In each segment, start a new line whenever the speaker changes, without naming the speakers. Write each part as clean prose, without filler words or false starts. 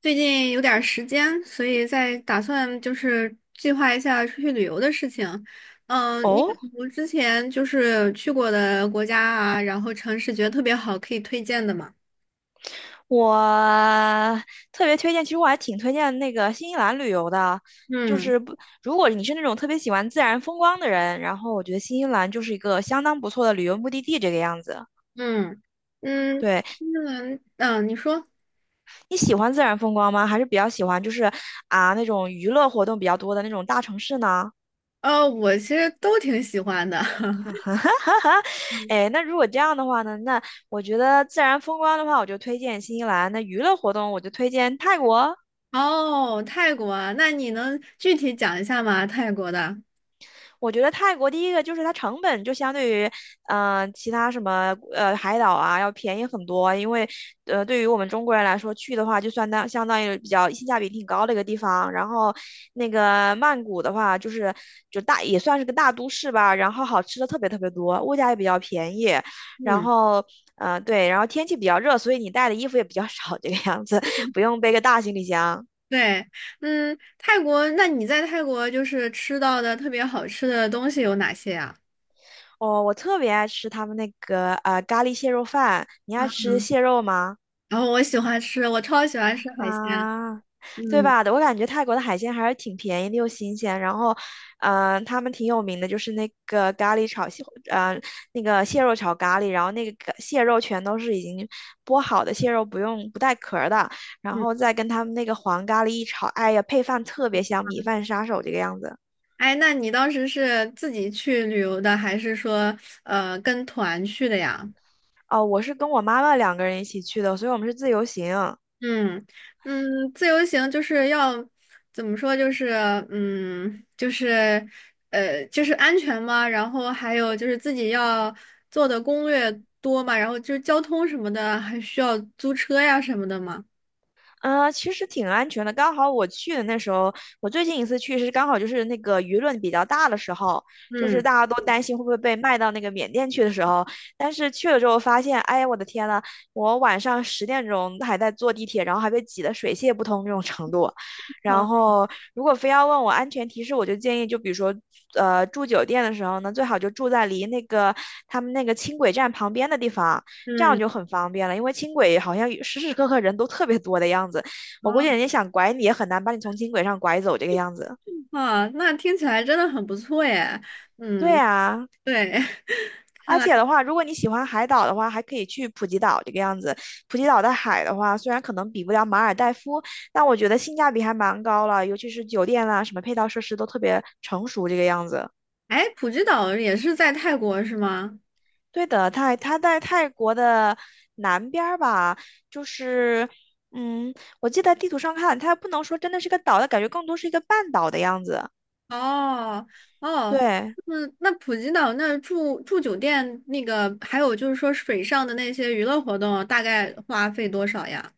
最近有点儿时间，所以在打算就是计划一下出去旅游的事情。嗯，你
哦，
有之前就是去过的国家啊，然后城市觉得特别好，可以推荐的吗？
我特别推荐，其实我还挺推荐那个新西兰旅游的，就
嗯
是不，如果你是那种特别喜欢自然风光的人，然后我觉得新西兰就是一个相当不错的旅游目的地，这个样子。
嗯嗯，
对，
新西兰你说。
你喜欢自然风光吗？还是比较喜欢就是那种娱乐活动比较多的那种大城市呢？
我其实都挺喜欢的。
哎，那如果这样的话呢，那我觉得自然风光的话，我就推荐新西兰；那娱乐活动我就推荐泰国。
哦，泰国啊那你能具体讲一下吗？泰国的？
我觉得泰国第一个就是它成本就相对于，其他什么海岛啊要便宜很多，因为对于我们中国人来说去的话，就算相当于比较性价比挺高的一个地方。然后那个曼谷的话，就大也算是个大都市吧，然后好吃的特别特别多，物价也比较便宜，然
嗯。
后。对，然后天气比较热，所以你带的衣服也比较少，这个样子，不用背个大行李箱。
对，泰国，那你在泰国就是吃到的特别好吃的东西有哪些呀？
哦，我特别爱吃他们那个咖喱蟹肉饭。你爱
啊，
吃蟹肉吗？
然后我喜欢吃，我超喜欢吃海鲜。
啊，对
嗯
吧？我感觉泰国的海鲜还是挺便宜的又新鲜。然后，他们挺有名的就是那个咖喱炒蟹，呃，那个蟹肉炒咖喱。然后那个咖蟹肉全都是已经剥好的蟹肉，不带壳儿的。然
嗯，
后再跟他们那个黄咖喱一炒，哎呀，配饭特别香，米饭杀手这个样子。
哎，那你当时是自己去旅游的，还是说跟团去的呀？
哦，我是跟我妈妈2个人一起去的，所以我们是自由行。
嗯嗯，自由行就是要怎么说？就是就是就是安全嘛，然后还有就是自己要做的攻略多嘛，然后就是交通什么的，还需要租车呀什么的嘛。
啊，其实挺安全的。刚好我去的那时候，我最近一次去是刚好就是那个舆论比较大的时候，就是
嗯，
大家都担心会不会被卖到那个缅甸去的时候。但是去了之后发现，哎呀，我的天呐，我晚上10点钟还在坐地铁，然后还被挤得水泄不通这种程度。然
好，
后，如果非要问我安全提示，我就建议，就比如说，住酒店的时候呢，最好就住在离那个他们那个轻轨站旁边的地方。这样
嗯，
就很方便了，因为轻轨好像时时刻刻人都特别多的样子，我估计人家
哦，
想拐你也很难把你从轻轨上拐走这个样子。
啊，那听起来真的很不错耶。
对
嗯，
啊，
对，看
而
来，
且的话，如果你喜欢海岛的话，还可以去普吉岛这个样子。普吉岛的海的话，虽然可能比不了马尔代夫，但我觉得性价比还蛮高了，尤其是酒店啦、什么配套设施都特别成熟这个样子。
哎，普吉岛也是在泰国是吗？
对的，它在泰国的南边儿吧，就是，嗯，我记得地图上看，它不能说真的是个岛，它感觉更多是一个半岛的样子。
哦哦，
对，
那普吉岛那儿住酒店那个，还有就是说水上的那些娱乐活动，大概花费多少呀？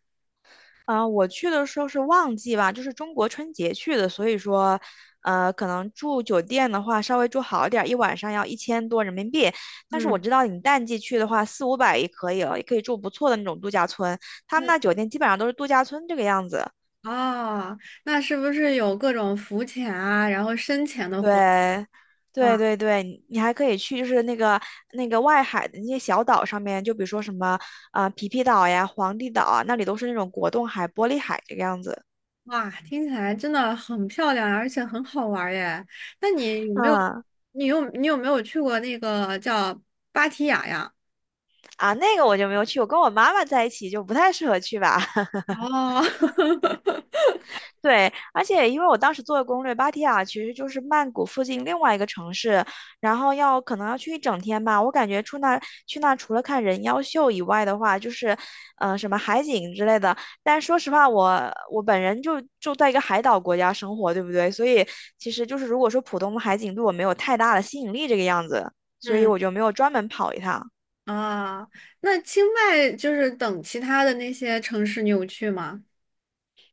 啊、我去的时候是旺季吧，就是中国春节去的，所以说，可能住酒店的话稍微住好一点儿，一晚上要1000多人民币。但是我
嗯
知道你淡季去的话，四五百也可以了，也可以住不错的那种度假村。他们
嗯。
那酒店基本上都是度假村这个样子。
哦，那是不是有各种浮潜啊，然后深潜的活动？
对，对
哇
对对，你还可以去，就是那个外海的那些小岛上面，就比如说什么啊、皮皮岛呀、皇帝岛啊，那里都是那种果冻海、玻璃海这个样子。
哇，听起来真的很漂亮，而且很好玩儿耶！那你有没有，
嗯
你有没有去过那个叫芭提雅呀？
啊，那个我就没有去，我跟我妈妈在一起就不太适合去吧。
哦，
对，而且因为我当时做的攻略，芭提雅其实就是曼谷附近另外一个城市，然后可能要去一整天吧。我感觉去那除了看人妖秀以外的话，就是，什么海景之类的。但说实话，我本人就在一个海岛国家生活，对不对？所以其实就是如果说普通的海景对我没有太大的吸引力这个样子，所以
嗯。
我就没有专门跑一趟。
啊，那清迈就是等其他的那些城市你有去吗？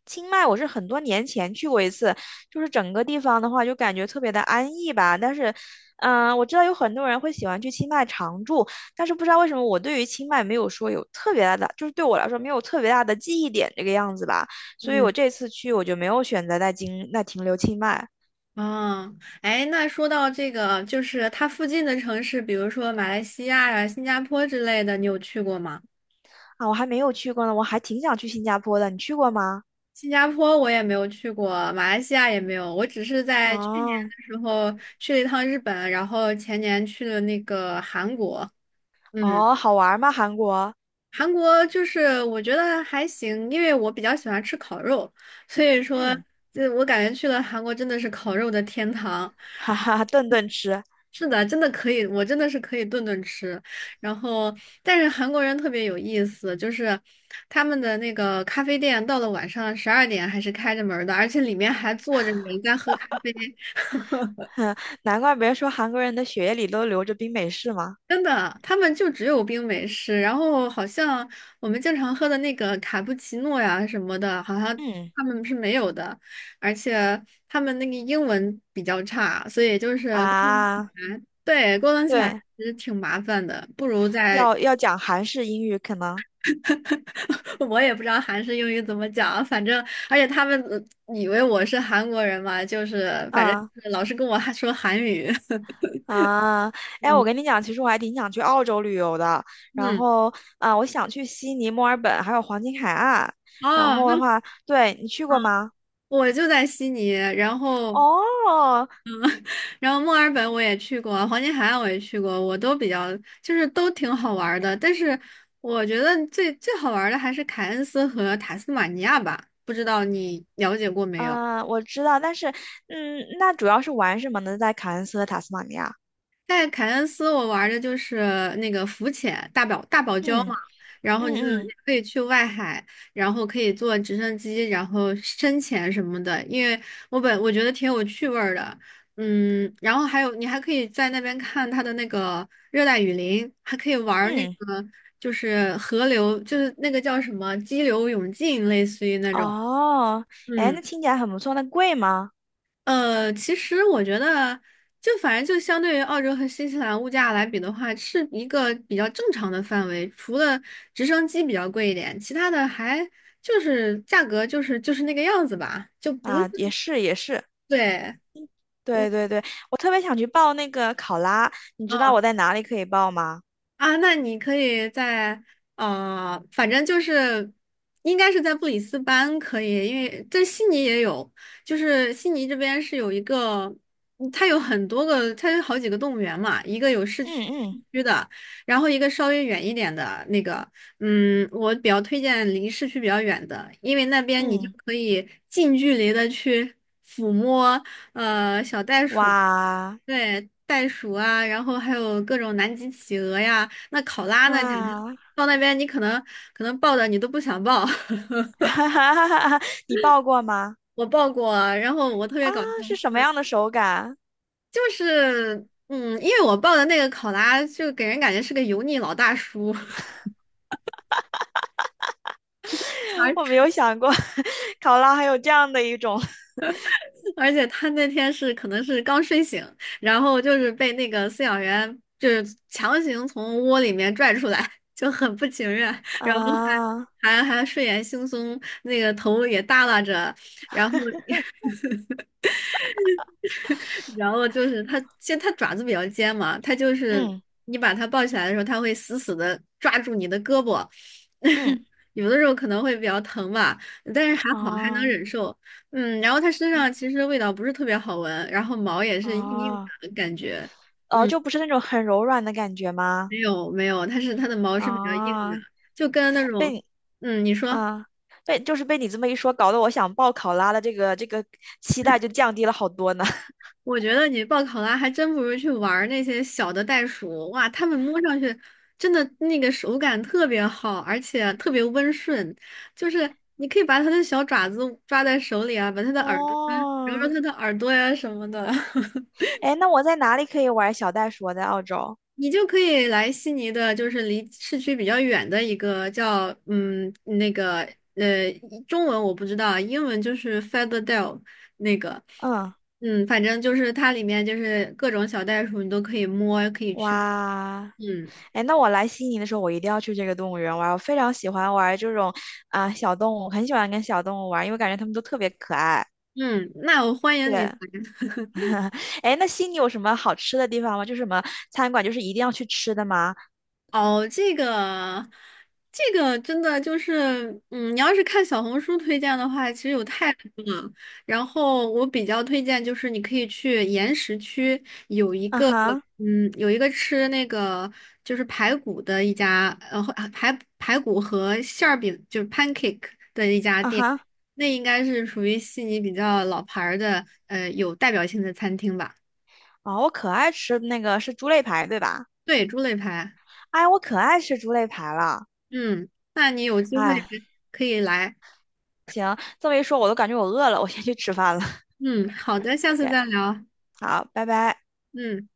清迈我是很多年前去过一次，就是整个地方的话就感觉特别的安逸吧。但是，我知道有很多人会喜欢去清迈常住，但是不知道为什么我对于清迈没有说有特别大的，就是对我来说没有特别大的记忆点这个样子吧。所以
嗯，
我这次去我就没有选择在停留清迈。
啊，哎，那说到这个，就是它附近的城市，比如说马来西亚呀、新加坡之类的，你有去过吗？
啊，我还没有去过呢，我还挺想去新加坡的，你去过吗？
新加坡我也没有去过，马来西亚也没有，我只是在去年
哦，
的时候去了一趟日本，然后前年去了那个韩国。嗯。
哦，好玩吗？韩国？
韩国就是我觉得还行，因为我比较喜欢吃烤肉，所以说，
嗯，
这我感觉去了韩国真的是烤肉的天堂。
哈哈，顿顿吃，
是的，真的可以，我真的是可以顿顿吃。然后，但是韩国人特别有意思，就是他们的那个咖啡店到了晚上12点还是开着门儿的，而且里面还坐着人在喝咖啡。
哼，难怪别人说韩国人的血液里都流着冰美式嘛。
真的，他们就只有冰美式，然后好像我们经常喝的那个卡布奇诺呀什么的，好像
嗯
他们是没有的，而且他们那个英文比较差，所以就是沟通起
啊，
来，对，沟通起来
对，
其实挺麻烦的，不如在。
要讲韩式英语可能，
我也不知道韩式英语怎么讲，反正而且他们以为我是韩国人嘛，就是反正
啊，
就是老是跟我还说韩语。
啊，哎，我
嗯
跟你讲，其实我还挺想去澳洲旅游的，然
嗯，
后啊，我想去悉尼、墨尔本还有黄金海岸，然
哦，
后的
那。
话，对你去过吗？
我就在悉尼，然后
哦，
然后墨尔本我也去过，黄金海岸我也去过，我都比较就是都挺好玩儿的。但是我觉得最最好玩儿的还是凯恩斯和塔斯马尼亚吧，不知道你了解过没有？
嗯，我知道，但是嗯，那主要是玩什么呢？在凯恩斯和塔斯马尼亚，
在凯恩斯，我玩的就是那个浮潜，大堡礁嘛，
嗯
然后你就
嗯
你
嗯
可以去外海，然后可以坐直升机，然后深潜什么的。因为我觉得挺有趣味儿的。嗯，然后还有你还可以在那边看它的那个热带雨林，还可以玩儿那
嗯，
个就是河流，就是那个叫什么激流勇进，类似于那种。
哦，哎，
嗯。
那听起来很不错，那贵吗？
其实我觉得，就反正就相对于澳洲和新西兰物价来比的话，是一个比较正常的范围。除了直升机比较贵一点，其他的还就是价格就是那个样子吧，就不是
啊，也是也是，
对，嗯。
对对对，我特别想去报那个考拉，你知道
嗯
我在哪里可以报吗？
啊，那你可以在反正就是应该是在布里斯班可以，因为在悉尼也有，就是悉尼这边是有一个，嗯它有很多个，它有好几个动物园嘛，一个有市
嗯
区
嗯
区的，然后一个稍微远一点的那个，嗯，我比较推荐离市区比较远的，因为那边你就
嗯，
可以近距离的去抚摸小袋鼠。
哇
对，袋鼠啊，然后还有各种南极企鹅呀，那考拉呢，简直
哇，
到那边你可能抱的你都不想抱。
哈哈哈哈哈！你报过吗？
我抱过，然后我特别
啊，
搞笑，
是什么样的手感？
就是因为我抱的那个考拉就给人感觉是个油腻老大叔。
我没
而
有想过，考拉还有这样的一种
而且他那天是可能是刚睡醒，然后就是被那个饲养员就是强行从窝里面拽出来，就很不情愿，然后
啊，
还睡眼惺忪，那个头也耷拉着，然后然后就是它，其实它爪子比较尖嘛，它就是
嗯
你把它抱起来的时候，它会死死的抓住你的胳膊。
嗯，
有的时候可能会比较疼吧，但是还好还能
哦
忍受。嗯，然后它身上其实味道不是特别好闻，然后毛也是硬硬
哦
的感觉。
哦，
嗯，
就不是那种很柔软的感觉吗？
没有没有，它的毛是比较硬的，
啊，
就跟那种，
被。
嗯，你说。
啊，被就是被你这么一说，搞得我想报考拉的这个期待就降低了好多呢。
我觉得你报考拉还真不如去玩儿那些小的袋鼠，哇，它们摸上去真的那个手感特别好，而且特别温顺，就是你可以把它的小爪子抓在手里啊，把它的耳朵啊揉揉
哦，
它的耳朵呀、什么的。
哎，那我在哪里可以玩小袋鼠啊？在澳洲。
你就可以来悉尼的，就是离市区比较远的一个叫那个呃中文我不知道啊，英文就是 Featherdale 那个，
嗯，
嗯，反正就是它里面就是各种小袋鼠你都可以摸，可以去，
哇，
嗯
哎，那我来悉尼的时候，我一定要去这个动物园玩儿，我非常喜欢玩儿这种小动物，很喜欢跟小动物玩儿因为感觉它们都特别可爱。
嗯，那我欢迎你
对，
来。
哎那悉尼有什么好吃的地方吗？就是什么餐馆，就是一定要去吃的吗？
哦，这个，这个真的就是，嗯，你要是看小红书推荐的话，其实有太多了。然后我比较推荐就是，你可以去岩石区有一
啊
个，
哈，
嗯，有一个吃那个就是排骨的一家，排骨和馅儿饼就是 pancake 的一家
啊
店，
哈，
那应该是属于悉尼比较老牌儿的，有代表性的餐厅吧。
哦，我可爱吃那个是猪肋排，对吧？
对，猪肋排，
哎，我可爱吃猪肋排了。
嗯，那你有机会
哎，
可以来。
行，这么一说，我都感觉我饿了，我先去吃饭了。
嗯，好的，下 次
对，
再聊。
好，拜拜。
嗯。